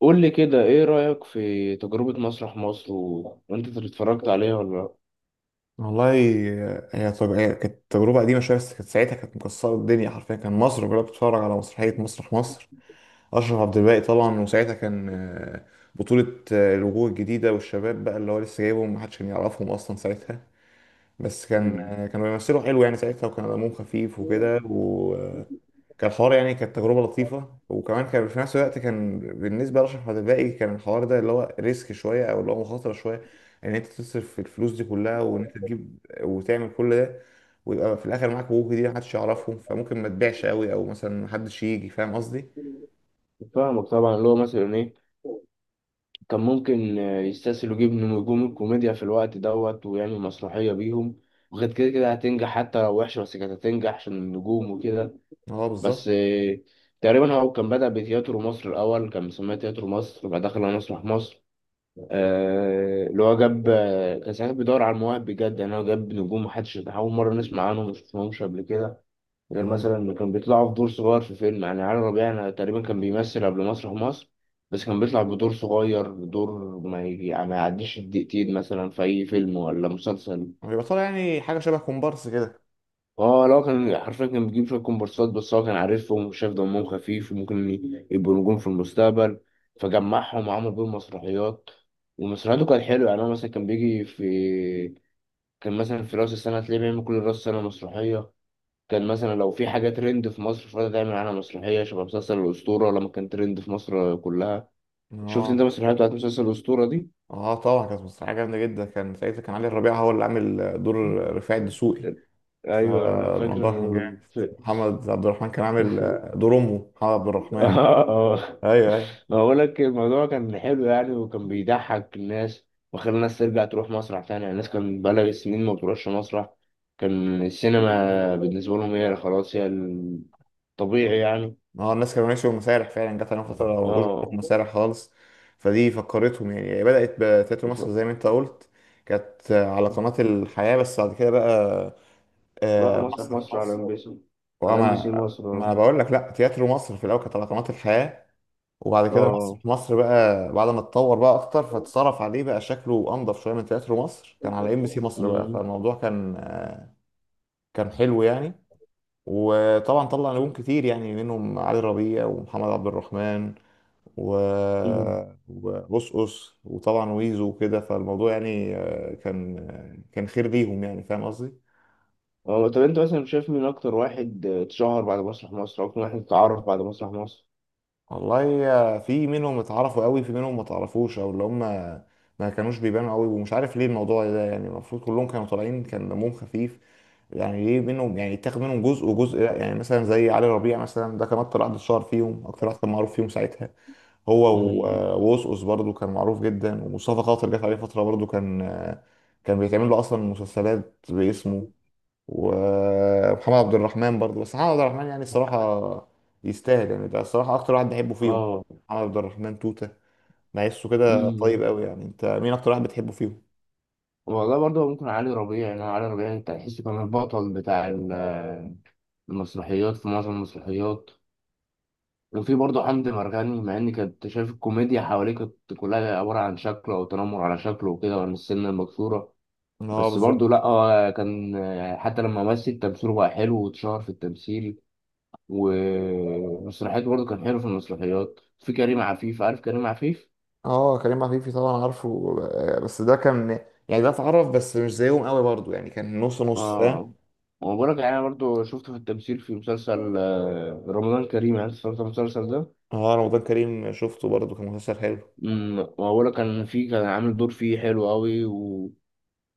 قول لي كده ايه رأيك في تجربة مسرح مصر و... وانت اتفرجت عليها ولا لا؟ والله، طب هي كانت تجربة قديمة شوية، بس كانت ساعتها، كانت مكسرة الدنيا حرفيا. كان مصر كلها بتتفرج على مسرحية مسرح مصر. أشرف عبد الباقي طبعا، وساعتها كان بطولة الوجوه الجديدة والشباب، بقى اللي هو لسه جايبهم، محدش كان يعرفهم أصلا ساعتها. بس كان مم. كانوا بيمثلوا حلو يعني ساعتها، وكان دمهم خفيف وكده، وكان الحوار، يعني كانت تجربة لطيفة. وكمان كان في نفس الوقت، كان بالنسبة لأشرف عدلائي، كان الحوار ده اللي هو ريسك شوية، أو اللي هو مخاطرة شوية. إن أنت تصرف الفلوس دي كلها، وإن أنت تجيب وتعمل كل ده، ويبقى في الآخر معاك وجوه دي محدش يعرفهم، فممكن ما تبيعش قوي، أو مثلا محدش يجي. فاهم قصدي؟ فاهمك طبعا. اللي هو مثلا ايه كان ممكن، يستسهل يجيب نجوم الكوميديا في الوقت دوت ويعمل مسرحية بيهم، وغير كده كده هتنجح حتى لو وحشة، بس كانت هتنجح عشان النجوم وكده. اه بس بالظبط. تقريبا هو كان بدأ بتياترو مصر، الأول كان مسميه تياترو مصر وبعد دخل على مسرح مصر. اللي هو جاب، كان ساعتها بيدور على المواهب بجد، يعني هو جاب نجوم محدش أول مرة نسمع عنهم، ما شفناهمش قبل كده، غير مم. مثلا إنه كان بيطلعوا في دور صغير في فيلم. يعني علي ربيع أنا تقريبا كان بيمثل قبل مسرح مصر، بس كان بيطلع بدور صغير، دور ما, ما يعديش الدقيقتين مثلا في أي فيلم ولا مسلسل. ويبقى طالع يعني حاجة شبه كومبارس كده. اه لا، كان حرفيا كان بيجيب شوية كومبارسات، بس هو كان عارفهم وشاف دمهم خفيف وممكن يبقوا نجوم في المستقبل، فجمعهم وعمل بيهم مسرحيات. ومسرحياته كانت حلوة، يعني هو مثلا كان بيجي في، كان مثلا في رأس السنة تلاقيه بيعمل كل رأس السنة مسرحية، كان مثلا لو في حاجة ترند في مصر فده تعمل عنها مسرحية، شبه مسلسل الأسطورة لما كان ترند في مصر كلها. شفت انت اه، المسرحية بتاعت مسلسل الأسطورة دي؟ اه طبعا. كانت مسرحيه جامده جدا. كان ساعتها، كان علي الربيع هو اللي عامل دور رفاعي الدسوقي. أيوة أنا فاكر. فالموضوع كان جامد. محمد عبد الرحمن كان عامل إنه- دور امه، محمد عبد الرحمن. اه. ايوه، ايوه. بقول لك الموضوع كان حلو يعني، وكان بيضحك الناس وخلى الناس ترجع تروح مسرح تاني. يعني الناس كان بقالها سنين ما بتروحش مسرح، كان السينما بالنسبة لهم هي خلاص، هي الطبيعي يعني. ما هو الناس كانوا ماشيين مسارح فعلا، جت عليهم فتره ما بقوش بيروحوا اه. مسارح خالص. فدي فكرتهم. يعني هي بدات بتياترو مصر ف- زي ما انت قلت، كانت على قناه الحياه. بس بعد كده بقى راحوا مسرح مسرح مصر على مصر. ام بي سي. على ام بي وما سي مصر، ما انا اه. بقول لك، لا، تياترو مصر في الاول كانت على قناه الحياه، وبعد كده مصر اه. مصر بقى، بعد ما اتطور بقى اكتر، فاتصرف عليه بقى، شكله انضف شويه من تياترو مصر، كان على ام بي سي مصر بقى. مم. فالموضوع كان حلو يعني. وطبعا طلع نجوم كتير، يعني منهم علي ربيع، ومحمد عبد الرحمن، و مم. وبوسقوس، وطبعا ويزو وكده. فالموضوع يعني كان خير ليهم يعني. فاهم قصدي؟ اه، طب انت مثلا شايف مين اكتر واحد اتشهر بعد مسرح مصر، اكتر واحد اتعرف بعد مسرح مصر؟ والله في منهم اتعرفوا قوي، في منهم ما تعرفوش، او اللي هم ما كانوش بيبانوا قوي، ومش عارف ليه الموضوع ده. يعني المفروض كلهم كانوا طالعين، كان دمهم خفيف. يعني ليه منهم، يعني اتاخد منهم جزء وجزء لا؟ يعني مثلا زي علي ربيع مثلا، ده كان اكتر واحد اتشهر فيهم، اكتر واحد كان معروف فيهم ساعتها. هو مم. ووسوس برضه كان معروف جدا. ومصطفى خاطر جت عليه فتره برضه، كان بيتعمل له اصلا مسلسلات باسمه. ومحمد عبد الرحمن برضه. بس محمد عبد الرحمن، يعني الصراحة يستاهل، يعني ده الصراحة أكتر واحد بحبه فيهم. اه محمد عبد الرحمن توتة، بحسه كده طيب قوي. يعني أنت مين أكتر واحد بتحبه فيهم؟ والله، برضه ممكن علي ربيع. يعني علي ربيع انت تحسه كان البطل بتاع المسرحيات، في معظم المسرحيات. وفي برضه حمدي مرغني، مع ان كنت شايف الكوميديا حواليه كانت كلها عبارة عن شكله او تنمر على شكله وكده، وعن السن المكسورة. اه بس برضه بالظبط. لا، هو كان، حتى لما مثل تمثيله بقى حلو واتشهر في التمثيل، ومسرحياته برضه كان حلو في المسرحيات. في كريم عفيف، عارف كريم عفيف؟ اه كريم عفيفي طبعا عارفه. بس ده كان يعني، ده اتعرف، بس مش زيهم قوي برضه. يعني كان نص نص، فاهم. اه. وبقولك انا برضو شفته في التمثيل في مسلسل رمضان كريم، عارف شفت المسلسل ده؟ اه رمضان كريم، شفته برضه كان مسلسل حلو. امم، وبقولك كان فيه، كان عامل دور فيه حلو قوي و...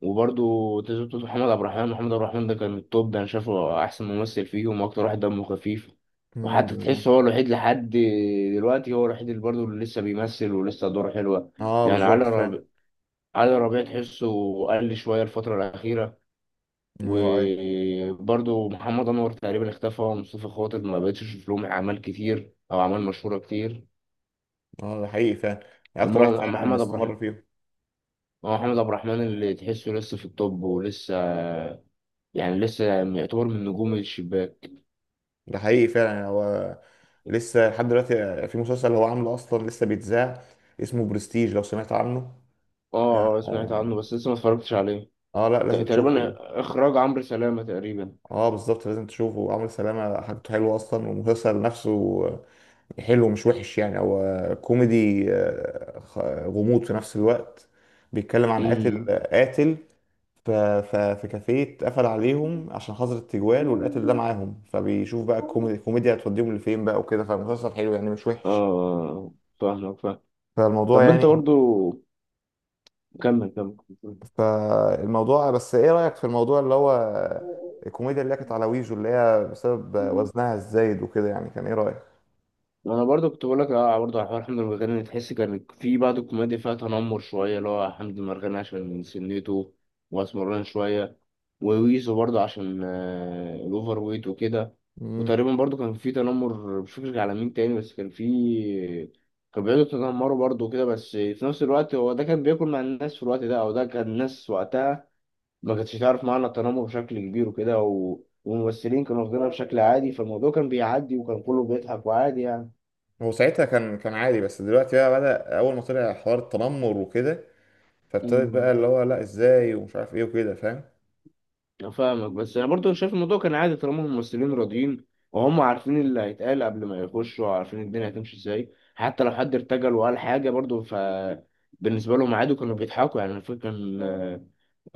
وبرضو تزوجته محمد عبد الرحمن. محمد عبد الرحمن ده كان التوب ده، انا شايفه احسن ممثل فيهم واكتر واحد دمه خفيف، وحتى بالظبط. تحس هو الوحيد لحد دلوقتي، هو الوحيد اللي برضه اللي لسه بيمثل ولسه دوره حلوة. اه يعني علي بالظبط ربيع، فعلا. علي ربيع تحسه قل شوية الفترة الأخيرة. اه ايوه. وبرضو محمد انور تقريبا اختفى، مصطفى خاطر ما بقتش اشوف لهم اعمال كتير او اعمال مشهوره كتير. اه ده حقيقي فعلا. يعني اكتر اما، واحد أما فعلا محمد عبد الرحمن، مستمر فيهم. أما محمد عبد الرحمن اللي تحسه لسه في الطب ولسه يعني لسه يعتبر من نجوم الشباك. ده حقيقي فعلا. يعني هو لسه لحد دلوقتي في مسلسل هو عامله اصلا لسه بيتذاع، اسمه برستيج، لو سمعت عنه. اه اه، سمعت عنه اه. بس لسه ما اتفرجتش عليه. لا لازم تقريبا تشوفه. اخراج عمرو سلامه تقريبا. اه بالظبط، لازم تشوفه. عمرو سلامه حاجته حلوه اصلا، والمسلسل نفسه حلو، مش وحش يعني. هو كوميدي، غموض في نفس الوقت. بيتكلم عن قاتل. امم. قاتل ف- ف- في كافيه اتقفل عليهم عشان حظر التجوال، والقاتل ده معاهم. فبيشوف بقى الكوميديا هتوديهم لفين بقى وكده. فالمسلسل حلو يعني، مش اه. وحش. آه، فاهمك، فاهم. فالموضوع طب انت يعني برضو كمل. فالموضوع، بس ايه رأيك في الموضوع اللي هو كمل. الكوميديا اللي هي كانت على ويجو، اللي هي بسبب وزنها الزايد وكده؟ يعني كان ايه رأيك؟ انا برضو كنت بقول لك اه، برضو على حوار حمد المرغني، تحس كان في بعض الكوميديا فيها تنمر شويه، اللي هو حمد المرغني عشان من سنته واسمران شويه، وويزو برضو عشان، الاوفر ويت وكده. مم. وتقريبا برضو كان في تنمر مش فاكر على مين تاني، بس كان في، كان بيقعدوا يتنمروا برضو كده، بس في نفس الوقت هو ده كان بياكل مع الناس في الوقت ده، او ده كان الناس وقتها ما كانتش تعرف معنى التنمر بشكل كبير وكده، و... والممثلين كانوا واخدينها بشكل عادي، فالموضوع كان بيعدي وكان كله بيضحك وعادي يعني. هو ساعتها كان عادي، بس دلوقتي بقى بدأ أول ما طلع حوار التنمر وكده، فابتدت بقى مم. اللي هو لا ازاي، ومش عارف ايه وكده، فاهم؟ أنا فاهمك، بس انا برضو شايف الموضوع كان عادي طالما هم الممثلين راضيين، وهم عارفين اللي هيتقال قبل ما يخشوا، وعارفين الدنيا هتمشي ازاي. حتى لو حد ارتجل وقال حاجه برضو، ف بالنسبه لهم عادي، كانوا بيضحكوا يعني. أنا فاكر كان، آه،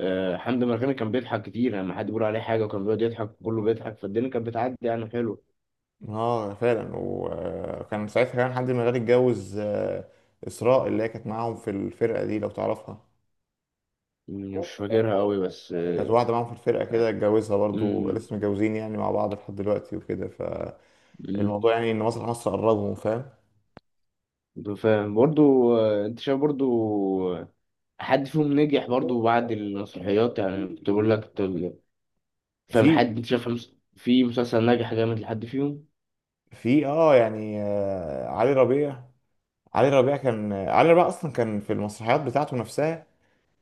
آه، حمدي مرغني كان بيضحك كتير يعني، لما حد بيقول عليه حاجه وكان بيقعد يضحك كله بيضحك، فالدنيا كانت بتعدي يعني حلو. اه فعلا. وكان ساعتها كمان حد من الغني اتجوز إسراء، اللي هي كانت معاهم في الفرقة دي، لو تعرفها. مش فاكرها قوي بس، كانت واحدة معاهم في الفرقة كده، اتجوزها برضو، مم. لسه متجوزين يعني مع بعض لحد دلوقتي وكده. الموضوع مم. يعني ان مسرح مصر قربهم، فاهم. فاهم برضو. انت شايف برضو حد فيهم نجح برضو بعد المسرحيات؟ يعني كنت بقول لك، فاهم، في حد انت شايف في مسلسل ناجح جامد لحد فيهم؟ في اه يعني علي ربيع. علي ربيع كان، علي ربيع اصلا كان في المسرحيات بتاعته نفسها.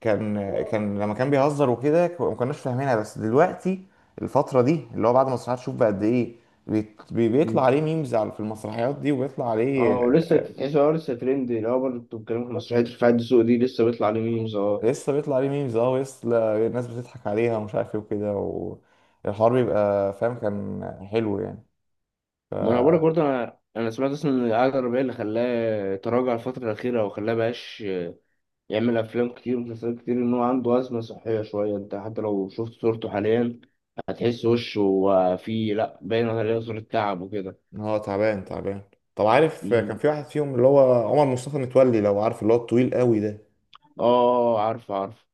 كان لما كان بيهزر وكده، ما كناش فاهمينها. بس دلوقتي الفترة دي اللي هو بعد مسرحيات، شوف بقى قد ايه بيطلع مم. عليه ميمز في المسرحيات دي، وبيطلع عليه. اه، ولسه تحس اه لسه ترند، اللي هو برضه انتوا بتتكلموا في مسرحية رفاعي الدسوقي دي، لسه بيطلع عليه ميمز، اه. لسه بيطلع عليه ميمز اه، ولسه الناس بتضحك عليها، ومش عارف ايه وكده. والحوار بيبقى فاهم، كان حلو يعني. ما انا بقولك برضه، انا سمعت اصلا ان القعده الرباعيه اللي خلاه تراجع الفتره الاخيره، او خلاه بقاش يعمل افلام كتير ومسلسلات كتير، ان هو عنده ازمه صحيه شويه. انت حتى لو شفت صورته حاليا، هتحس وشه فيه لا، باين عليه صوره تعب وكده. اه تعبان تعبان. طب عارف كان مم. في واحد فيهم اللي هو عمر مصطفى متولي، لو عارف اللي هو الطويل قوي ده؟ اه عارف.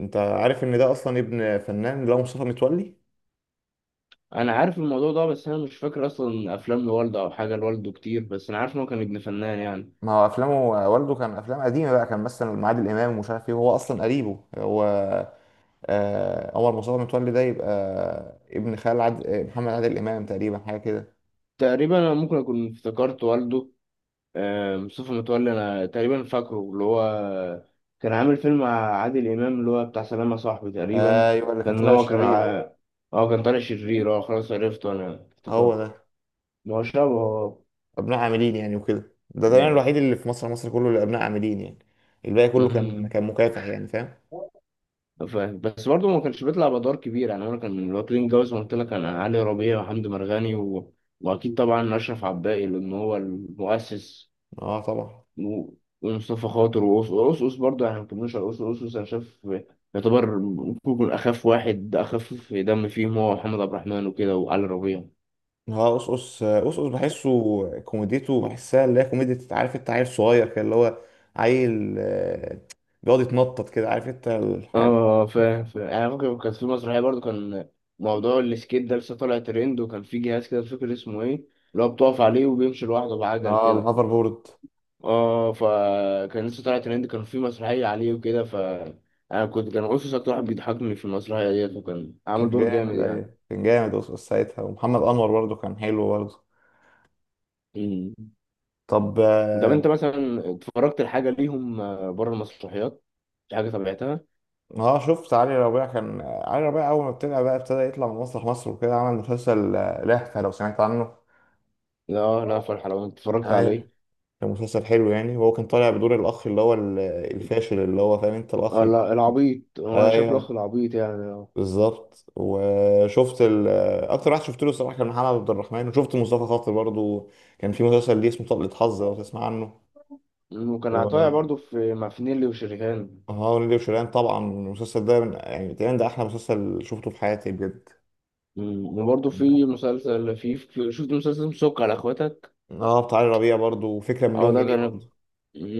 انت عارف ان ده اصلا ابن فنان، اللي هو مصطفى متولي. انا عارف الموضوع ده، بس انا مش فاكر اصلا افلام لوالده او حاجه لوالده كتير، بس انا عارف ان هو كان ابن فنان يعني. ما هو افلامه، والده كان افلام قديمه بقى، كان مثلا مع عادل امام، ومش عارف ايه. وهو اصلا قريبه هو. آه عمر مصطفى متولي ده يبقى ابن خال محمد عادل امام تقريبا، حاجه كده. تقريبا انا ممكن اكون افتكرت والده، مصطفى متولي، انا تقريبا فاكره اللي هو كان عامل فيلم مع عادل امام اللي هو بتاع سلام يا صاحبي تقريبا. آه يبقى اللي كان كان طالع هو كان ع... الشرير. اه، اه كان طالع شرير، اه خلاص عرفته، انا هو افتكرته. ده. ما هو شبهه آه. ابناء عاملين يعني وكده، ده تقريبا مم. الوحيد اللي في مصر مصر كله اللي ابناء عاملين يعني. الباقي كله كان مكافح يعني، فاهم. مم. فاهم، بس برضه ما كانش بيطلع بأدوار كبيرة يعني. أنا كان من الواكلين جوز ما قلت لك، أنا علي ربيع وحمدي مرغني و... وأكيد طبعا أشرف عباقي لأن هو المؤسس، اه طبعا. و... ومصطفى خاطر وأوس أوس أوس برضه، يعني ما كملوش على أوس أوس أوس. أنا شايف يعتبر ممكن يكون أخف واحد، أخف دم فيهم هو محمد عبد الرحمن وكده وعلي ربيع. اه قصقص قصقص بحسه. كوميديته بحسها اللي هي كوميديا، انت عارف، انت عيل صغير كده، اللي هو عيل، بيقعد يتنطط كده، عارف انت الحاجة. اه. فاهم. يعني ممكن كانت في مسرحية برضه، كان موضوع السكيت ده لسه طالع ترند، وكان في جهاز كده مش فاكر اسمه ايه، اللي هو بتقف عليه وبيمشي لوحده بعجل اه كده. الهافر بورد. اه، فكان لسه طالع ترند، كان في مسرحية عليه وكده. ف انا كنت، كان أوسوس اكتر واحد بيضحكني في المسرحية ديت، وكان عامل كان دور جامد، جامد يعني. ايوه كان جامد قصقص ساعتها. ومحمد انور برضه كان حلو برضه. مم. طب طب انت اه. مثلا اتفرجت لحاجة ليهم بره المسرحيات؟ في حاجة تابعتها؟ شفت علي ربيع كان. علي ربيع اول ما ابتدى بقى، ابتدى يطلع من مسرح مصر وكده، عمل مسلسل لهفة، لو سمعت عنه. لا لا فرح، لو انت اتفرجت عليه؟ ايوه كان مسلسل حلو يعني. وهو كان طالع بدور الاخ اللي هو الفاشل، اللي هو فاهم انت الاخ. اه لا، العبيط، هو انا شايف الاخ ايوه العبيط يعني، اه. بالظبط. وشفت اكتر واحد شفت له الصراحه كان محمد عبد الرحمن، وشفت مصطفى خاطر برضو كان في مسلسل ليه اسمه طلقة حظ، لو تسمع عنه. مم، وكان طالع و برضه في مع فنيلي وشريهان. اه نيلي وشيرين طبعا. المسلسل ده يعني تقريبا ده احلى مسلسل شفته في حياتي بجد. مم، وبرضه في مسلسل في، شفت مسلسل سك على اخواتك؟ اه بتاع علي ربيع برضو، وفكرة اه، مليون ده جنيه كان، برضو.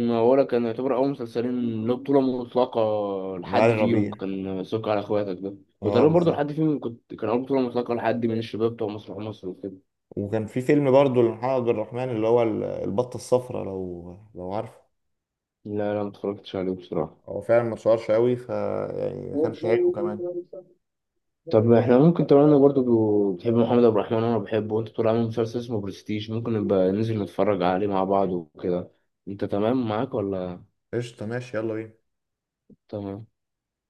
ما بقولك كان يعتبر أول مسلسلين له بطولة مطلقة علي لحد فيهم، ربيع كان سك على إخواتك ده. اه وتقريبا برضه بالظبط. لحد فيهم كنت، كان أول بطولة مطلقة لحد من الشباب بتوع مسرح مصر وكده. وكان في فيلم برضو لمحمد عبد الرحمن اللي هو البطة الصفراء، لو عارفه. لا لا، ما اتفرجتش عليه بصراحة. هو فعلا ما اتشهرش قوي، يعني ما كانش حلو كمان. طب احنا ممكن طبعا، انا برضه بتحب محمد عبد الرحمن وانا بحبه، وانت بتقول عامل مسلسل اسمه برستيج، ممكن نبقى ننزل نتفرج عليه مع بعض وكده. انت تمام معاك ولا؟ قشطة ماشي، يلا بينا. تمام.